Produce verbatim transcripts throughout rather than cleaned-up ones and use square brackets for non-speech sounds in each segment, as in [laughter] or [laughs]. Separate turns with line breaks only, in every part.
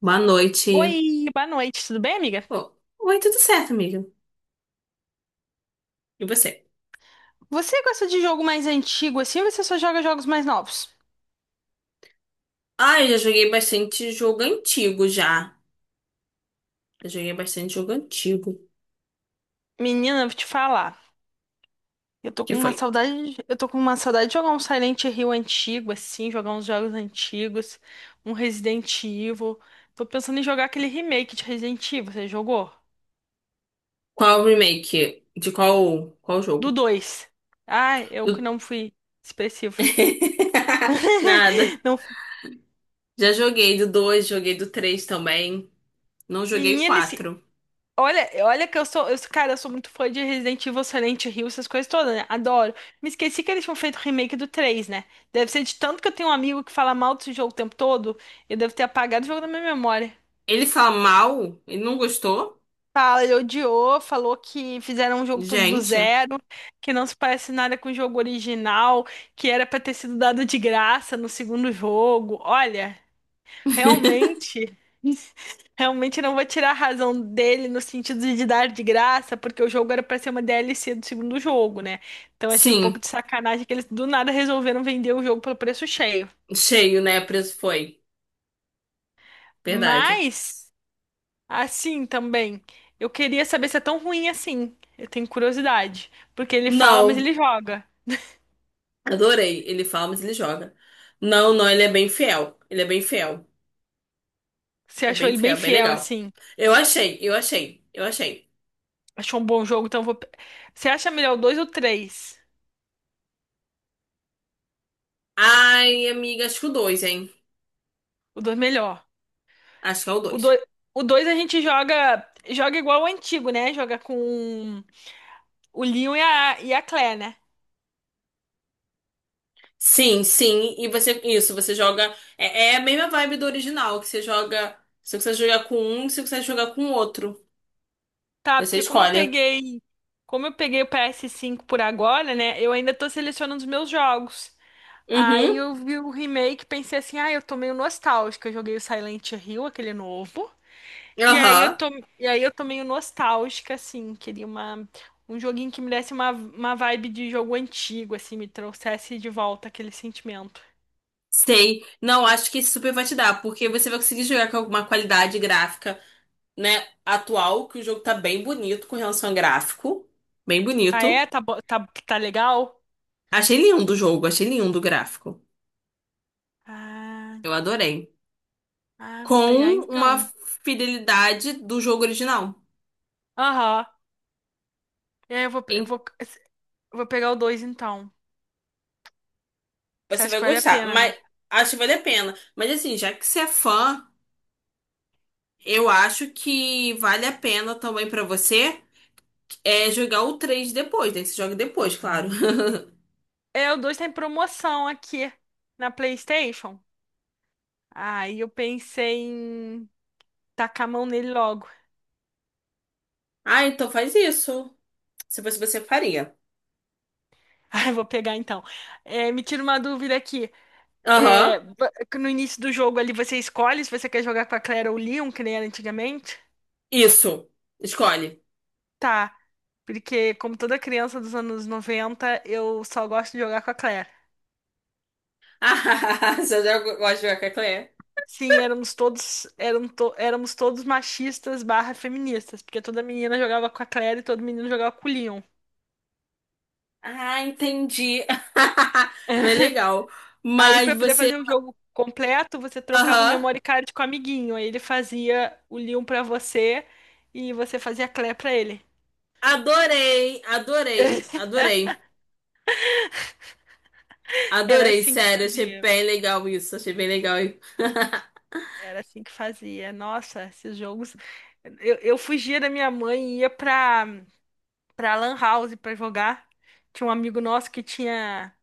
Boa noite.
Oi, boa noite, tudo bem, amiga?
Oh, oi, tudo certo, amiga? E você?
Você gosta de jogo mais antigo assim ou você só joga jogos mais novos?
Ah, eu já joguei bastante jogo antigo já. Já joguei bastante jogo antigo.
Menina, eu vou te falar. Eu tô
Que
com uma
foi?
saudade, de- eu tô com uma saudade de jogar um Silent Hill antigo assim, jogar uns jogos antigos, um Resident Evil. Tô pensando em jogar aquele remake de Resident Evil, você jogou?
Qual remake? De qual, qual
Do
jogo?
dois? Ai, eu que
Do-
não fui expressiva.
[laughs] Nada.
[laughs] Não,
Já joguei do dois, joguei do três também. Não joguei o
menina, esse.
quatro.
Olha, olha que eu sou, eu, sou- cara, eu sou muito fã de Resident Evil, Silent Hill, essas coisas todas, né? Adoro. Me esqueci que eles tinham feito o remake do três, né? Deve ser de tanto que eu tenho um amigo que fala mal desse jogo o tempo todo, eu devo ter apagado o jogo da minha memória.
Ele fala mal? Ele não gostou?
Fala, ele odiou, falou que fizeram um jogo todo do
Gente.
zero, que não se parece nada com o jogo original, que era pra ter sido dado de graça no segundo jogo. Olha, realmente. Realmente não vou tirar a razão dele no sentido de dar de graça, porque o jogo era pra ser uma D L C do segundo jogo, né? Então achei um pouco
Sim,
de sacanagem que eles do nada resolveram vender o jogo pelo preço cheio.
cheio, né? Preço foi. Verdade.
Mas, assim também, eu queria saber se é tão ruim assim. Eu tenho curiosidade. Porque ele fala, mas
Não.
ele joga.
Adorei. Ele fala, mas ele joga. Não, não, ele é bem fiel. Ele é bem fiel.
Você
É
achou
bem
ele bem
fiel, é bem
fiel,
legal.
assim?
Eu achei, eu achei, eu achei.
Achou um bom jogo, então eu vou. Você acha melhor o dois ou o três?
Ai, amiga, acho que o dois, hein?
O dois melhor.
Acho que é o
O
dois.
dois, o dois a gente joga. Joga igual o antigo, né? Joga com o Leon e a, e a Claire, né?
Sim, sim. E você, isso, você joga. É, é a mesma vibe do original, que você joga. Se você quiser jogar com um, se você quiser jogar com o outro.
Tá,
Você
porque como eu
escolhe.
peguei, como eu peguei o PS cinco por agora, né? Eu ainda tô selecionando os meus jogos. Aí
Uhum.
eu vi o remake, e pensei assim, ah, eu tô meio nostálgica. Eu joguei o Silent Hill, aquele novo. E aí eu
Aham.
tô, e aí eu tô meio nostálgica, assim, queria uma, um joguinho que me desse uma, uma vibe de jogo antigo, assim, me trouxesse de volta aquele sentimento.
Sei. Não, acho que esse super vai te dar, porque você vai conseguir jogar com alguma qualidade gráfica, né, atual, que o jogo tá bem bonito com relação a gráfico. Bem
Ah, é?
bonito.
Tá, bo- tá, tá legal?
Achei lindo o jogo, achei lindo o gráfico.
Ah,
Eu adorei.
ah, vou pegar
Com uma
então.
fidelidade do jogo original.
Aham. É, eu vou, pe-
E
vou, vou pegar o dois então. Você
você
acha que
vai
vale a
gostar,
pena,
mas
né?
acho que vale a pena. Mas assim, já que você é fã, eu acho que vale a pena também pra você é jogar o três depois, né? Você joga depois, claro. [laughs]
É, o dois tá em promoção aqui na PlayStation. Aí eu pensei em tacar a mão nele logo. [laughs]
Ah, então faz isso. Se fosse você, faria.
Ah, eu vou pegar então. É, me tira uma dúvida aqui. É,
Aham,
ba- no início do jogo ali você escolhe se você quer jogar com a Claire ou o Leon, que nem era antigamente?
isso. Escolhe.
Tá. Porque, como toda criança dos anos noventa, eu só gosto de jogar com a Claire.
Ah, [laughs] você já gosta de jogar com a Claire?
Sim, éramos todos, eram to- éramos todos machistas barra feministas, porque toda menina jogava com a Claire e todo menino jogava com o Leon.
Ah, entendi. [laughs] Bem
[laughs]
legal.
Aí,
Mas
pra poder
você.
fazer o jogo completo, você trocava o
Aham.
memory card com o amiguinho. Aí ele fazia o Leon pra você e você fazia a Claire pra ele.
Adorei, adorei,
[laughs]
adorei.
Era
Adorei,
assim que
sério. Achei
fazia.
bem legal isso. Achei bem legal, hein? [laughs]
Era assim que fazia. Nossa, esses jogos. Eu, eu fugia da minha mãe e ia pra, pra Lan House pra jogar. Tinha um amigo nosso que tinha.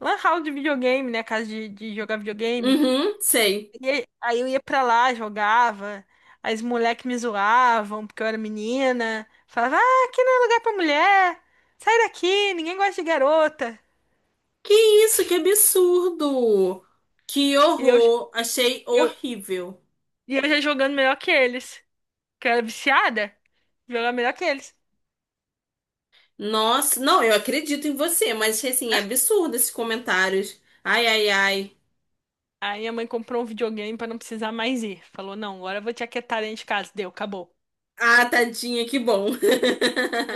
Lan house de videogame, né? Casa de, de jogar videogame.
Uhum, sei.
E aí aí eu ia pra lá, jogava. Aí os moleques me zoavam porque eu era menina. Falava, ah, aqui não é lugar pra mulher. Sai daqui, ninguém gosta de garota.
Que isso, que absurdo! Que
E eu,
horror! Achei
eu,
horrível.
e eu já jogando melhor que eles. Que eu era viciada, jogava melhor que eles.
Nossa, não, eu acredito em você, mas achei assim, absurdo esses comentários. Ai, ai, ai.
Aí minha mãe comprou um videogame pra não precisar mais ir. Falou, não, agora eu vou te aquietar dentro de casa. Deu, acabou.
Ah, tadinha, que bom. [laughs]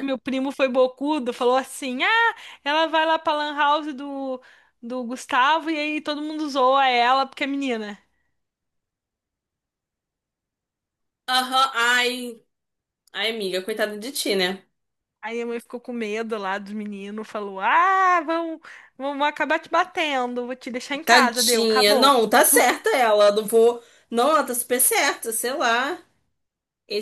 Meu primo foi bocudo, falou assim: Ah, ela vai lá pra Lan House do, do Gustavo, e aí todo mundo zoa ela porque é menina.
Aham, ai, ai, amiga, coitada de ti, né?
Aí a mãe ficou com medo lá do menino, falou: Ah, vamos vamos acabar te batendo, vou te deixar em casa, deu,
Tadinha.
acabou.
Não, tá certa ela. Não vou. Não, ela tá super certa, sei lá.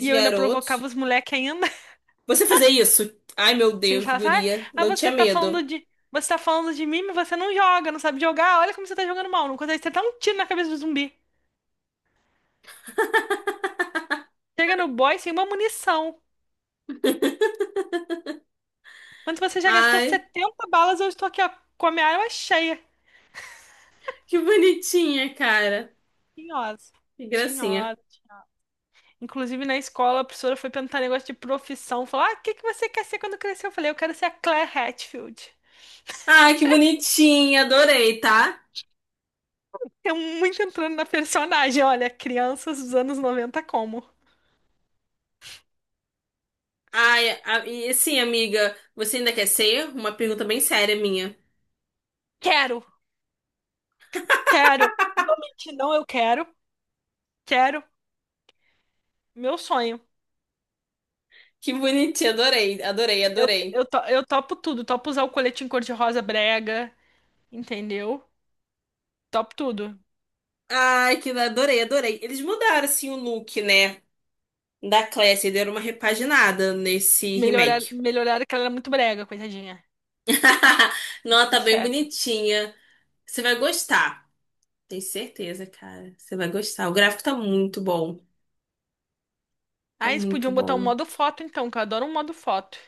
E eu ainda
garoto.
provocava os moleques ainda. [laughs]
Você fazer isso? Ai, meu
Assim,
Deus,
falava: Ai,
guria.
ah,
Não tinha
você tá falando
medo.
de. Você tá falando de mim, mas você não joga, não sabe jogar. Olha como você tá jogando mal, não consegue. Você um tiro na cabeça do zumbi. Chega no boy sem uma munição. Mas você já gastou
Ai,
setenta balas, eu estou aqui, ó, com a minha arma cheia.
que bonitinha, cara.
Tinhosa.
Que gracinha.
Tinhosa. Inclusive, na escola, a professora foi perguntar negócio de profissão. Falou, ah, o que que você quer ser quando crescer? Eu falei, eu quero ser a Claire Hatfield.
Ai, que bonitinha. Adorei, tá?
Eu muito entrando na personagem. Olha, crianças dos anos noventa, como?
Ai, a- e sim, amiga, você ainda quer ser? Uma pergunta bem séria minha.
Quero, quero. Não vou mentir, não, eu quero. Quero. Meu sonho.
Que bonitinha, adorei, adorei,
Eu,
adorei.
eu, to- eu topo tudo. Topo usar o colete em cor-de-rosa brega, entendeu? Topo tudo.
Ai, que adorei, adorei. Eles mudaram assim o look, né? Da Classy, deram uma repaginada nesse
Melhorar,
remake.
melhorar que ela era muito brega, coitadinha.
[laughs]
Mas
Nossa,
tudo
tá bem
certo.
bonitinha. Você vai gostar. Tenho certeza, cara. Você vai gostar. O gráfico tá muito bom. Tá
Ah, eles
muito
podiam botar um
bom.
modo foto, então, que eu adoro um modo foto.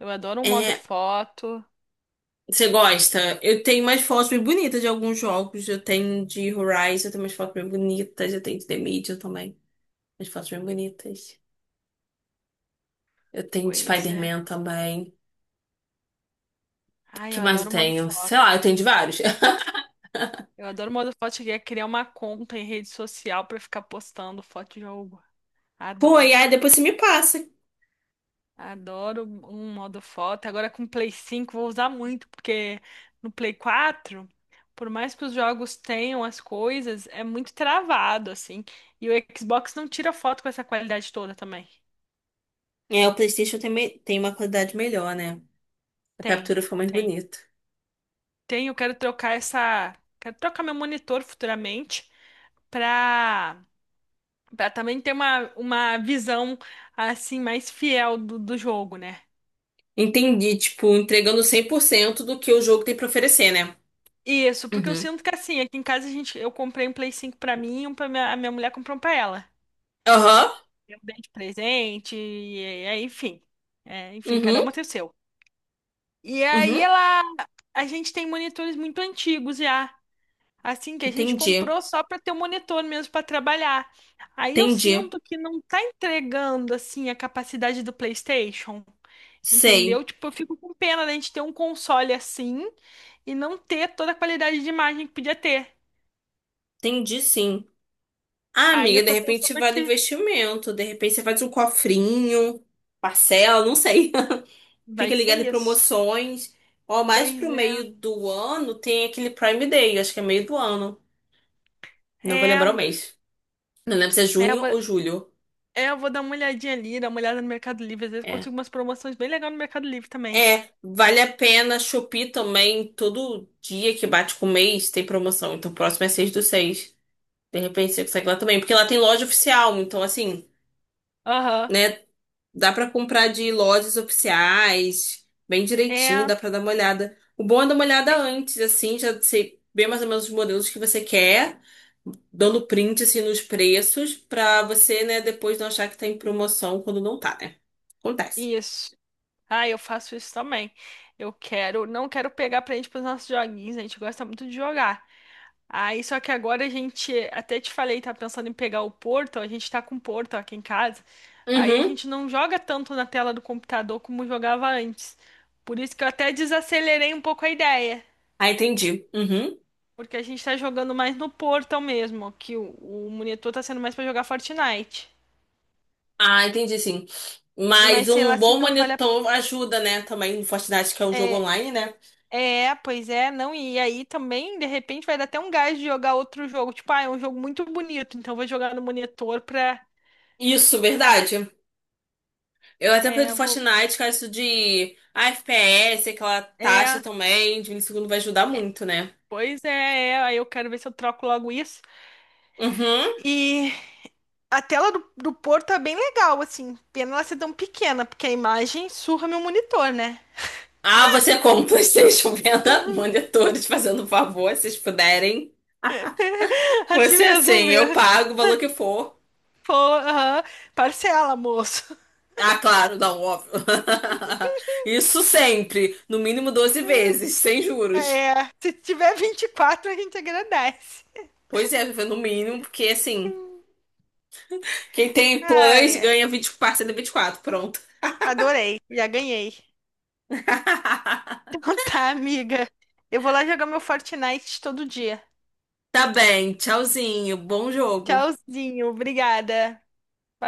Eu adoro um modo
É,
foto.
você gosta? Eu tenho umas fotos bem bonitas de alguns jogos. Eu tenho de Horizon, eu tenho umas fotos bem bonitas. Eu tenho de The Medium também. Umas fotos bem bonitas. Eu tenho de
Pois é.
Spider-Man também. O
Ai,
que
eu
mais eu
adoro o modo
tenho? Sei
foto.
lá, eu tenho de vários.
Eu adoro o modo foto. Cheguei a criar uma conta em rede social pra ficar postando foto de jogo.
[laughs] Pô, e
Adoro.
aí depois você me passa.
Adoro um modo foto. Agora com o Play cinco, vou usar muito, porque no Play quatro, por mais que os jogos tenham as coisas, é muito travado, assim. E o Xbox não tira foto com essa qualidade toda também.
É, o PlayStation tem, me- tem uma qualidade melhor, né? A
Tem.
captura ficou mais
Tem.
bonita.
Tenho, quero trocar essa, quero trocar meu monitor futuramente para para também ter uma, uma visão assim mais fiel do, do jogo, né?
Entendi, tipo, entregando cem por cento do que o jogo tem pra oferecer, né?
Isso, porque eu
Uhum.
sinto que assim, aqui em casa a gente, eu comprei um Play cinco para mim, e um para minha, a minha mulher comprou um para ela.
Aham.
Eu dei de presente, e, e- enfim. É, enfim, cada
Uhum.
uma tem o seu. E aí
Uhum.
ela, a gente tem monitores muito antigos já. Assim, que a gente
Entendi.
comprou só para ter o monitor mesmo para trabalhar. Aí eu
Entendi.
sinto que não tá entregando assim a capacidade do PlayStation, entendeu?
Sei.
Tipo, eu fico com pena da gente ter um console assim e não ter toda a qualidade de imagem que podia ter.
Entendi, sim. Ah,
Aí
amiga,
eu
de
tô
repente
pensando
vale
que
investimento. De repente você faz um cofrinho, parcela, não sei. [laughs]
vai
Fica
ser
ligado em
isso.
promoções. Ó, mais
Pois
pro
é.
meio do ano tem aquele Prime Day, acho que é meio do ano. Não vou lembrar o
É,
mês. Não lembro se é
é, eu
junho
vou,
ou julho.
é, eu vou dar uma olhadinha ali, dar uma olhada no Mercado Livre. Às vezes eu
É.
consigo umas promoções bem legais no Mercado Livre também.
É, vale a pena Shopee também. Todo dia que bate com o mês tem promoção. Então, o próximo é seis do seis. De repente você consegue lá também. Porque lá tem loja oficial. Então, assim,
Aham.
né? Dá pra comprar de lojas oficiais, bem direitinho,
É,
dá pra dar uma olhada. O bom é dar uma olhada
é
antes, assim, já sei bem mais ou menos os modelos que você quer, dando print, assim, nos preços, pra você, né, depois não achar que tá em promoção quando não tá, né? Acontece.
isso. Ah, eu faço isso também. Eu quero, não quero pegar prende para os nossos joguinhos, a gente gosta muito de jogar. Aí, só que agora a gente, até te falei, tá pensando em pegar o Portal, a gente tá com o Portal aqui em casa. Aí a
Uhum.
gente não joga tanto na tela do computador como jogava antes. Por isso que eu até desacelerei um pouco a ideia,
Ah, entendi. Uhum.
porque a gente tá jogando mais no Portal mesmo, que o, o monitor tá sendo mais para jogar Fortnite.
Ah, entendi sim. Mas
Mas sei lá
um
se
bom
não vale a,
monitor ajuda, né? Também no Fortnite, que é um jogo
é,
online, né?
É, pois é, não, e aí também, de repente, vai dar até um gás de jogar outro jogo. Tipo, ah, é um jogo muito bonito, então eu vou jogar no monitor pra.
Isso, verdade. Eu até perdi
É, vou.
Fortnite, que é isso de ah, F P S, aquela taxa
É,
também de milissegundo vai ajudar muito, né?
pois é, é, aí eu quero ver se eu troco logo isso.
Uhum.
E a tela do, do Porto é bem legal, assim. Pena ela ser tão pequena, porque a imagem surra meu monitor, né?
Ah, você compra PlayStation [laughs] venda monitores fazendo um favor, se vocês puderem.
[laughs] Assim
Você
mesmo,
assim, eu
ver.
pago o valor que for.
Pô, aham, parcela, moço.
Ah, claro, não, óbvio. [laughs] Isso sempre, no mínimo doze vezes, sem juros.
É, se tiver vinte e quatro a gente agradece.
Pois é, viver no mínimo, porque assim, quem tem plus
Ai, ai.
ganha vinte parcela de vinte e quatro, pronto.
Adorei, já ganhei.
[laughs]
Então tá, amiga. Eu vou lá jogar meu Fortnite todo dia.
Tá bem, tchauzinho, bom jogo.
Tchauzinho, obrigada. Boa noite.